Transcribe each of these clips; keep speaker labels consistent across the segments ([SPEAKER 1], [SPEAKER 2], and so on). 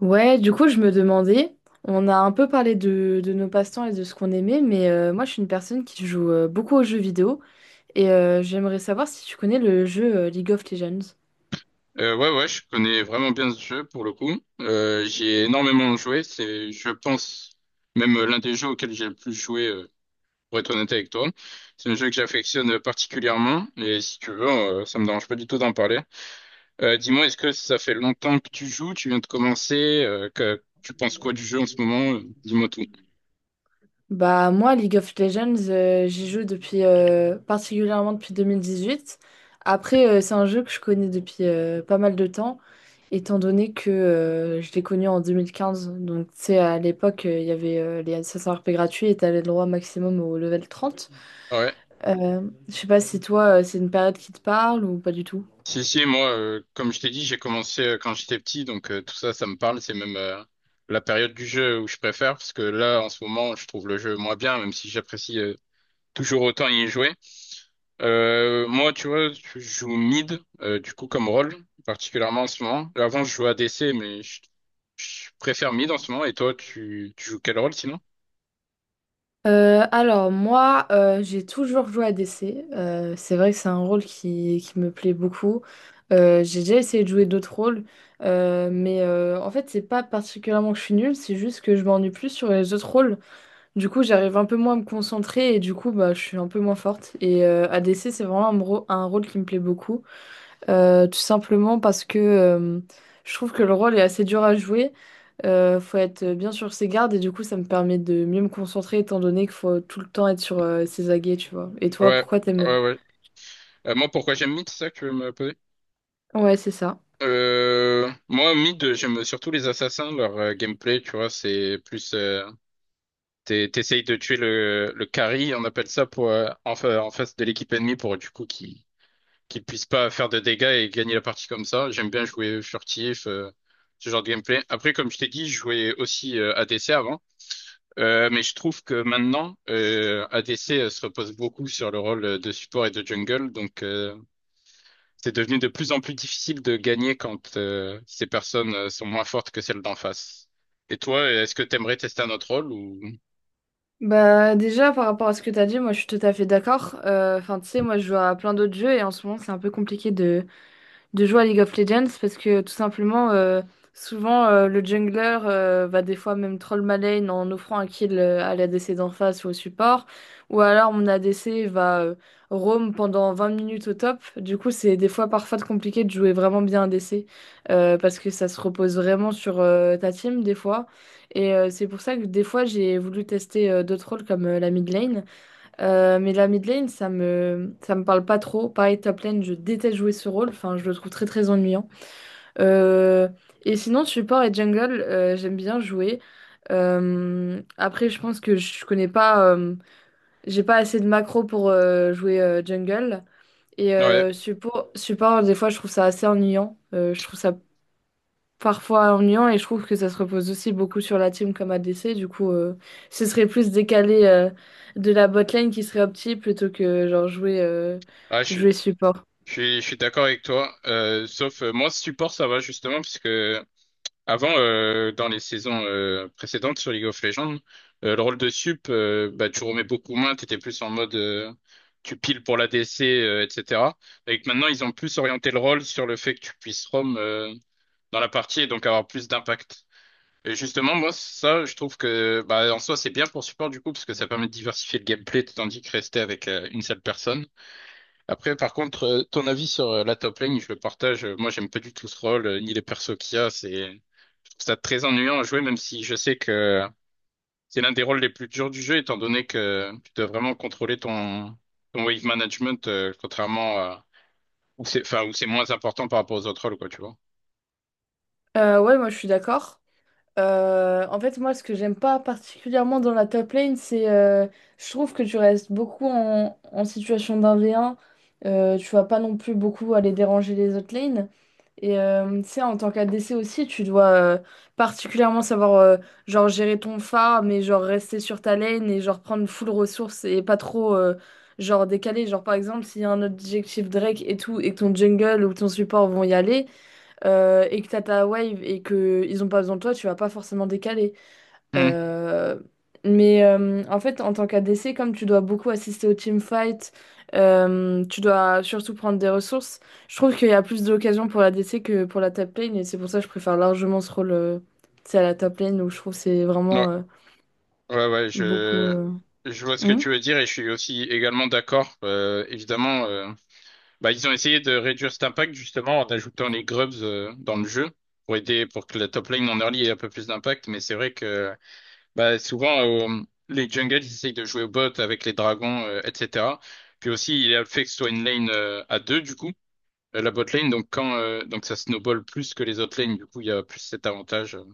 [SPEAKER 1] Ouais, du coup, je me demandais, on a un peu parlé de nos passe-temps et de ce qu'on aimait, mais moi, je suis une personne qui joue beaucoup aux jeux vidéo et j'aimerais savoir si tu connais le jeu League of Legends.
[SPEAKER 2] Ouais, ouais, je connais vraiment bien ce jeu pour le coup. J'y ai énormément joué. C'est, je pense, même l'un des jeux auxquels j'ai le plus joué, pour être honnête avec toi. C'est un jeu que j'affectionne particulièrement. Et si tu veux, ça me dérange pas du tout d'en parler. Dis-moi, est-ce que ça fait longtemps que tu joues? Tu viens de commencer? Tu penses quoi du jeu en ce moment? Dis-moi tout.
[SPEAKER 1] Bah, moi, League of Legends, j'y joue depuis particulièrement depuis 2018. Après, c'est un jeu que je connais depuis pas mal de temps, étant donné que je l'ai connu en 2015. Donc, tu sais, à l'époque, il y avait les 500 RP gratuits et t'avais le droit maximum au level 30.
[SPEAKER 2] Ouais.
[SPEAKER 1] Euh, je sais pas si toi, c'est une période qui te parle ou pas du tout.
[SPEAKER 2] Si, si, moi, comme je t'ai dit, j'ai commencé quand j'étais petit, donc tout ça, ça me parle. C'est même la période du jeu où je préfère, parce que là, en ce moment, je trouve le jeu moins bien, même si j'apprécie toujours autant y jouer. Moi, tu vois, je joue mid, du coup, comme rôle, particulièrement en ce moment. Avant, je jouais ADC, mais je préfère mid en ce moment. Et toi, tu joues quel rôle sinon?
[SPEAKER 1] Alors moi, j'ai toujours joué à DC. C'est vrai que c'est un rôle qui me plaît beaucoup. J'ai déjà essayé de jouer d'autres rôles, mais en fait, c'est pas particulièrement que je suis nulle, c'est juste que je m'ennuie plus sur les autres rôles. Du coup, j'arrive un peu moins à me concentrer et du coup, bah, je suis un peu moins forte. Et ADC, c'est vraiment un rôle qui me plaît beaucoup. Tout simplement parce que je trouve que le rôle est assez dur à jouer. Faut être bien sur ses gardes et du coup ça me permet de mieux me concentrer étant donné qu'il faut tout le temps être sur ses aguets, tu vois. Et toi,
[SPEAKER 2] Ouais,
[SPEAKER 1] pourquoi t'aimes?
[SPEAKER 2] ouais, ouais. Moi, pourquoi j'aime mid, c'est ça que tu veux me poser?
[SPEAKER 1] Ouais, c'est ça.
[SPEAKER 2] Moi, mid, j'aime surtout les assassins, leur gameplay, tu vois, c'est plus, t'essayes de tuer le carry, on appelle ça, pour, en face de l'équipe ennemie pour, du coup, qu'ils puissent pas faire de dégâts et gagner la partie comme ça. J'aime bien jouer furtif, ce genre de gameplay. Après, comme je t'ai dit, je jouais aussi ADC avant. Mais je trouve que maintenant, ADC se repose beaucoup sur le rôle de support et de jungle, donc, c'est devenu de plus en plus difficile de gagner quand ces personnes sont moins fortes que celles d'en face. Et toi, est-ce que t'aimerais tester un autre rôle ou.
[SPEAKER 1] Bah déjà par rapport à ce que t'as dit, moi je suis tout à fait d'accord. Enfin tu sais, moi je joue à plein d'autres jeux et en ce moment c'est un peu compliqué de jouer à League of Legends parce que tout simplement, souvent le jungler va des fois même troll ma lane en offrant un kill à l'ADC d'en face ou au support, ou alors mon ADC va roam pendant 20 minutes au top. Du coup, c'est des fois parfois compliqué de jouer vraiment bien ADC parce que ça se repose vraiment sur ta team des fois. Et c'est pour ça que des fois j'ai voulu tester d'autres rôles comme la mid lane. Mais la mid lane, ça me parle pas trop. Pareil, top lane, je déteste jouer ce rôle. Enfin, je le trouve très très ennuyant. Euh, et sinon, support et jungle, j'aime bien jouer. Après, je pense que je connais pas, j'ai pas assez de macro pour jouer jungle. Et
[SPEAKER 2] Ouais,
[SPEAKER 1] support, des fois, je trouve ça assez ennuyant. Je trouve ça parfois ennuyant et je trouve que ça se repose aussi beaucoup sur la team comme a ADC. Du coup, ce serait plus décalé de la botlane qui serait opti plutôt que genre jouer,
[SPEAKER 2] ah, je suis,
[SPEAKER 1] jouer support.
[SPEAKER 2] je suis, je suis d'accord avec toi. Sauf moi, support, ça va justement, puisque avant, dans les saisons précédentes sur League of Legends, le rôle de sup, bah, tu remets beaucoup moins, t'étais plus en mode tu piles pour l'ADC, etc. Et que maintenant, ils ont plus orienté le rôle sur le fait que tu puisses roam dans la partie et donc avoir plus d'impact. Et justement, moi, ça, je trouve que bah, en soi, c'est bien pour support du coup, parce que ça permet de diversifier le gameplay, tandis que rester avec une seule personne. Après, par contre, ton avis sur la top lane, je le partage. Moi, j'aime pas du tout ce rôle, ni les persos qu'il y a. C'est je trouve ça très ennuyant à jouer, même si je sais que c'est l'un des rôles les plus durs du jeu, étant donné que tu dois vraiment contrôler ton wave management, contrairement à où c'est, enfin, où c'est moins important par rapport aux autres rôles, quoi, tu vois.
[SPEAKER 1] Ouais, moi je suis d'accord. En fait, moi, ce que j'aime pas particulièrement dans la top lane, c'est je trouve que tu restes beaucoup en situation d'un v un. Tu vas pas non plus beaucoup aller déranger les autres lanes. Et tu sais, en tant qu'ADC aussi, tu dois particulièrement savoir genre gérer ton phare, mais genre rester sur ta lane et genre prendre full ressources et pas trop genre décaler. Genre par exemple, s'il y a un objectif Drake et tout, et que ton jungle ou ton support vont y aller et que t'as ta wave et que ils ont pas besoin de toi, tu vas pas forcément décaler.
[SPEAKER 2] Hmm.
[SPEAKER 1] Euh, mais en fait, en tant qu'ADC, comme tu dois beaucoup assister au teamfight, tu dois surtout prendre des ressources. Je trouve qu'il y a plus d'occasions pour l'ADC que pour la top lane et c'est pour ça que je préfère largement ce rôle tu sais, à la top lane où je trouve que c'est
[SPEAKER 2] Ouais.
[SPEAKER 1] vraiment
[SPEAKER 2] Ouais, ouais,
[SPEAKER 1] beaucoup.
[SPEAKER 2] je, je vois ce que
[SPEAKER 1] Hmm
[SPEAKER 2] tu veux dire et je suis aussi également d'accord. Évidemment, bah, ils ont essayé de réduire cet impact justement en ajoutant les grubs dans le jeu pour aider pour que la top lane en early ait un peu plus d'impact. Mais c'est vrai que bah, souvent les jungles ils essayent de jouer au bot avec les dragons, etc. Puis aussi il y a le fait que ce soit une lane à deux du coup, la bot lane. Donc ça snowball plus que les autres lanes, du coup il y a plus cet avantage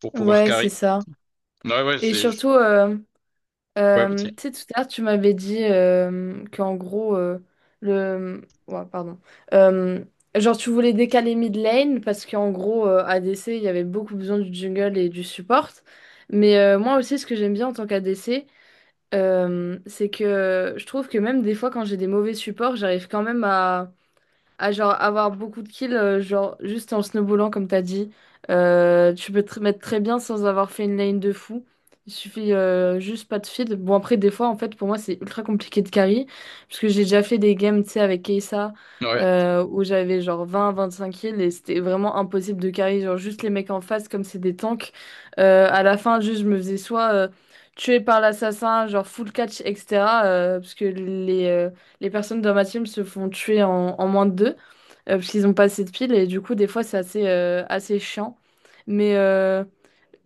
[SPEAKER 2] pour pouvoir
[SPEAKER 1] Ouais, c'est
[SPEAKER 2] carry.
[SPEAKER 1] ça.
[SPEAKER 2] Ouais, ouais,
[SPEAKER 1] Et
[SPEAKER 2] c'est
[SPEAKER 1] surtout. euh,
[SPEAKER 2] ouais,
[SPEAKER 1] Euh,
[SPEAKER 2] ok.
[SPEAKER 1] tu sais, tout à l'heure, tu m'avais dit qu'en gros, le. Ouais, pardon. Euh, genre, tu voulais décaler mid lane parce qu'en gros, ADC, il y avait beaucoup besoin du jungle et du support. Mais moi aussi, ce que j'aime bien en tant qu'ADC, c'est que je trouve que même des fois, quand j'ai des mauvais supports, j'arrive quand même à genre avoir beaucoup de kills, genre juste en snowballant comme t'as dit. Tu peux te mettre très bien sans avoir fait une lane de fou. Il suffit juste pas de feed. Bon après des fois en fait pour moi c'est ultra compliqué de carry parce que j'ai déjà fait des games tu sais avec Kesa
[SPEAKER 2] Ouais.
[SPEAKER 1] où j'avais genre 20-25 kills et c'était vraiment impossible de carry genre juste les mecs en face comme c'est des tanks. À la fin juste je me faisais soit tuer par l'assassin genre full catch etc. Parce que les personnes dans ma team se font tuer en moins de deux, parce qu'ils ont pas assez de piles, et du coup, des fois, c'est assez assez chiant. Mais, euh,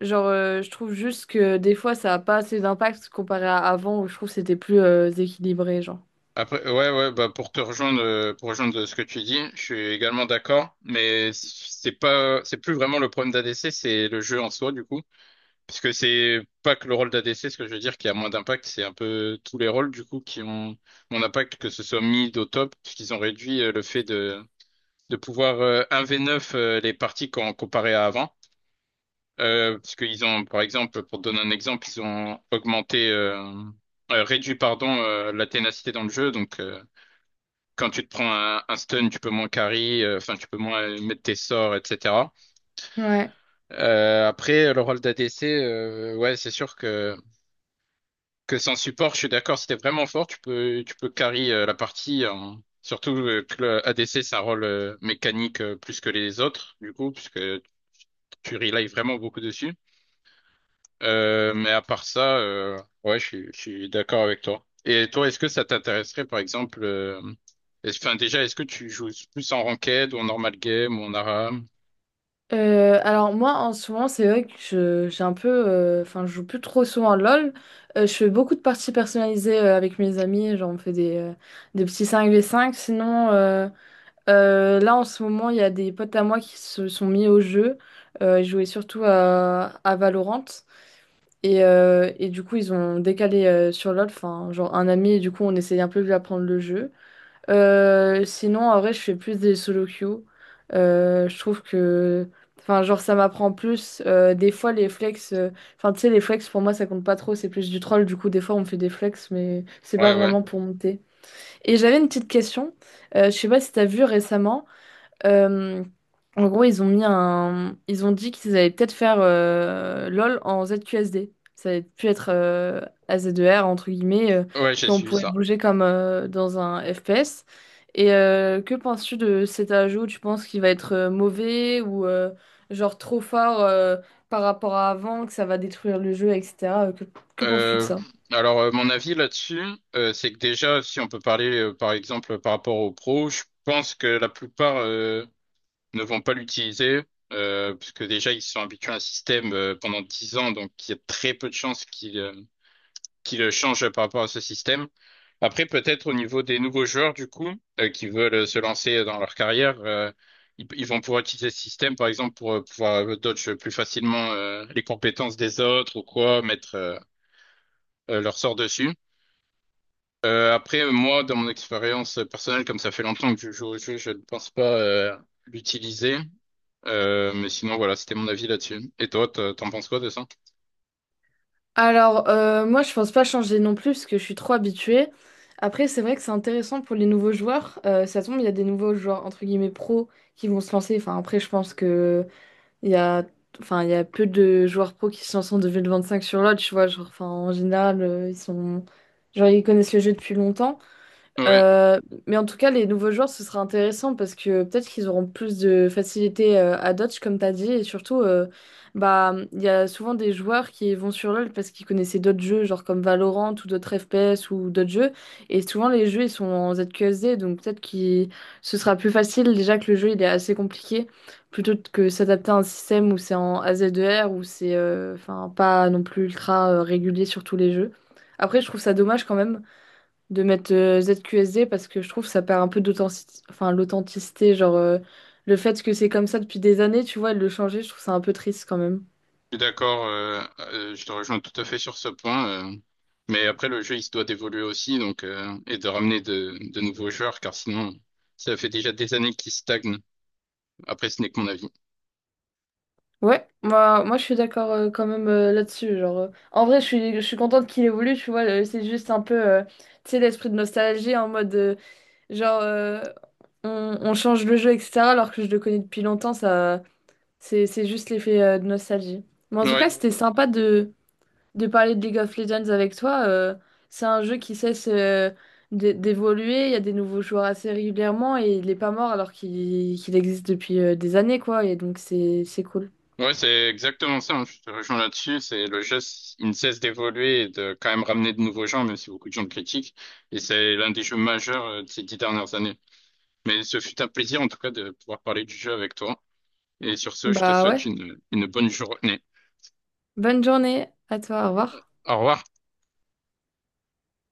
[SPEAKER 1] genre, euh, je trouve juste que des fois, ça a pas assez d'impact comparé à avant, où je trouve que c'était plus équilibré, genre.
[SPEAKER 2] Après, ouais, ouais, bah pour rejoindre ce que tu dis, je suis également d'accord, mais c'est pas, c'est plus vraiment le problème d'ADC, c'est le jeu en soi, du coup. Parce que c'est pas que le rôle d'ADC, ce que je veux dire, qui a moins d'impact, c'est un peu tous les rôles, du coup, qui ont mon impact, que ce soit mid au top, parce qu'ils ont réduit le fait de pouvoir 1 v neuf les parties quand comparé à avant. Parce qu'ils ont, par exemple, pour te donner un exemple, ils ont augmenté, réduit, pardon, la ténacité dans le jeu, donc, quand tu te prends un stun, tu peux moins carry, enfin tu peux moins mettre tes sorts, etc.
[SPEAKER 1] Ouais.
[SPEAKER 2] Après, le rôle d'ADC, ouais, c'est sûr que sans support, je suis d'accord, si t'es vraiment fort, tu peux carry la partie. Surtout que le ADC, c'est un rôle mécanique plus que les autres, du coup, puisque tu relies vraiment beaucoup dessus. Mais à part ça, ouais, je suis d'accord avec toi. Et toi, est-ce que ça t'intéresserait, par exemple, enfin, déjà, est-ce que tu joues plus en ranked ou en normal game ou en ARAM?
[SPEAKER 1] Alors moi en ce moment c'est vrai que j'ai un peu enfin je joue plus trop souvent à LOL. Je fais beaucoup de parties personnalisées avec mes amis, genre on fait des petits cinq v cinq. Sinon, là, en ce moment, il y a des potes à moi qui se sont mis au jeu. Ils jouaient surtout à Valorant. Et du coup, ils ont décalé sur LoL, enfin, genre un ami, et du coup, on essayait un peu de lui apprendre le jeu. Sinon, en vrai, je fais plus des solo queues. Je trouve que, enfin, genre, ça m'apprend plus. Des fois, enfin, tu sais, les flex, pour moi, ça compte pas trop, c'est plus du troll. Du coup, des fois, on me fait des flex, mais c'est pas
[SPEAKER 2] Ouais, ouais.
[SPEAKER 1] vraiment pour monter. Et j'avais une petite question. Je sais pas si t'as vu récemment. Euh, en gros, ils ont mis un... Ils ont dit qu'ils allaient peut-être faire LOL en ZQSD. Ça allait plus être AZER, entre guillemets,
[SPEAKER 2] Ouais, j'ai
[SPEAKER 1] qu'on
[SPEAKER 2] suivi
[SPEAKER 1] pourrait
[SPEAKER 2] ça.
[SPEAKER 1] bouger comme dans un FPS. Et que penses-tu de cet ajout? Tu penses qu'il va être mauvais ou genre trop fort par rapport à avant, que ça va détruire le jeu, etc. Que penses-tu de
[SPEAKER 2] Euh,
[SPEAKER 1] ça?
[SPEAKER 2] alors, mon avis là-dessus, c'est que déjà, si on peut parler, par exemple, par rapport aux pros, je pense que la plupart ne vont pas l'utiliser, parce que déjà, ils sont habitués à un système pendant 10 ans, donc il y a très peu de chances qu'ils qui le change par rapport à ce système. Après, peut-être au niveau des nouveaux joueurs, du coup, qui veulent se lancer dans leur carrière, ils vont pouvoir utiliser ce système, par exemple, pour pouvoir dodge plus facilement les compétences des autres ou quoi, mettre leur sort dessus. Après, moi, dans mon expérience personnelle, comme ça fait longtemps que je joue au jeu, je ne pense pas l'utiliser. Mais sinon, voilà, c'était mon avis là-dessus. Et toi, t'en penses quoi de ça?
[SPEAKER 1] Alors, moi, je pense pas changer non plus parce que je suis trop habituée. Après, c'est vrai que c'est intéressant pour les nouveaux joueurs. Ça tombe, il y a des nouveaux joueurs, entre guillemets, pros qui vont se lancer. Enfin, après, je pense que il y a, enfin, il y a peu de joueurs pros qui se lancent en 2025 sur l'autre, tu vois. Genre, enfin, en général, ils sont, genre, ils connaissent le jeu depuis longtemps.
[SPEAKER 2] Ouais.
[SPEAKER 1] Euh, mais en tout cas, les nouveaux joueurs, ce sera intéressant parce que peut-être qu'ils auront plus de facilité à dodge, comme tu as dit. Et surtout, bah, il y a souvent des joueurs qui vont sur LoL parce qu'ils connaissaient d'autres jeux, genre comme Valorant ou d'autres FPS ou d'autres jeux. Et souvent, les jeux, ils sont en ZQSD. Donc peut-être que ce sera plus facile, déjà que le jeu, il est assez compliqué, plutôt que s'adapter à un système où c'est en AZER, où c'est enfin, pas non plus ultra régulier sur tous les jeux. Après, je trouve ça dommage quand même de mettre ZQSD parce que je trouve que ça perd un peu d'authenticité, enfin l'authenticité, le fait que c'est comme ça depuis des années, tu vois, et de le changer, je trouve ça un peu triste quand même.
[SPEAKER 2] Je suis d'accord, je te rejoins tout à fait sur ce point. Mais après, le jeu, il se doit d'évoluer aussi, donc et de ramener de nouveaux joueurs, car sinon, ça fait déjà des années qu'il stagne. Après, ce n'est que mon avis.
[SPEAKER 1] Ouais, moi je suis d'accord quand même là-dessus. En vrai, je suis contente qu'il évolue, tu vois, c'est juste un peu, tu sais, l'esprit de nostalgie en mode, genre, euh, on change le jeu, etc., alors que je le connais depuis longtemps, ça, c'est juste l'effet de nostalgie. Mais en tout
[SPEAKER 2] Ouais,
[SPEAKER 1] cas, c'était sympa de parler de League of Legends avec toi. C'est un jeu qui cesse d'évoluer. Il y a des nouveaux joueurs assez régulièrement et il n'est pas mort alors qu'il existe depuis des années, quoi. Et donc, c'est cool.
[SPEAKER 2] ouais, c'est exactement ça, hein. Je te rejoins là-dessus. C'est le jeu, il ne cesse d'évoluer et de quand même ramener de nouveaux gens, même si beaucoup de gens le critiquent. Et c'est l'un des jeux majeurs de ces 10 dernières années. Mais ce fut un plaisir, en tout cas, de pouvoir parler du jeu avec toi. Et sur ce, je te
[SPEAKER 1] Bah
[SPEAKER 2] souhaite
[SPEAKER 1] ouais.
[SPEAKER 2] une bonne journée.
[SPEAKER 1] Bonne journée à toi. Au revoir.
[SPEAKER 2] Au revoir.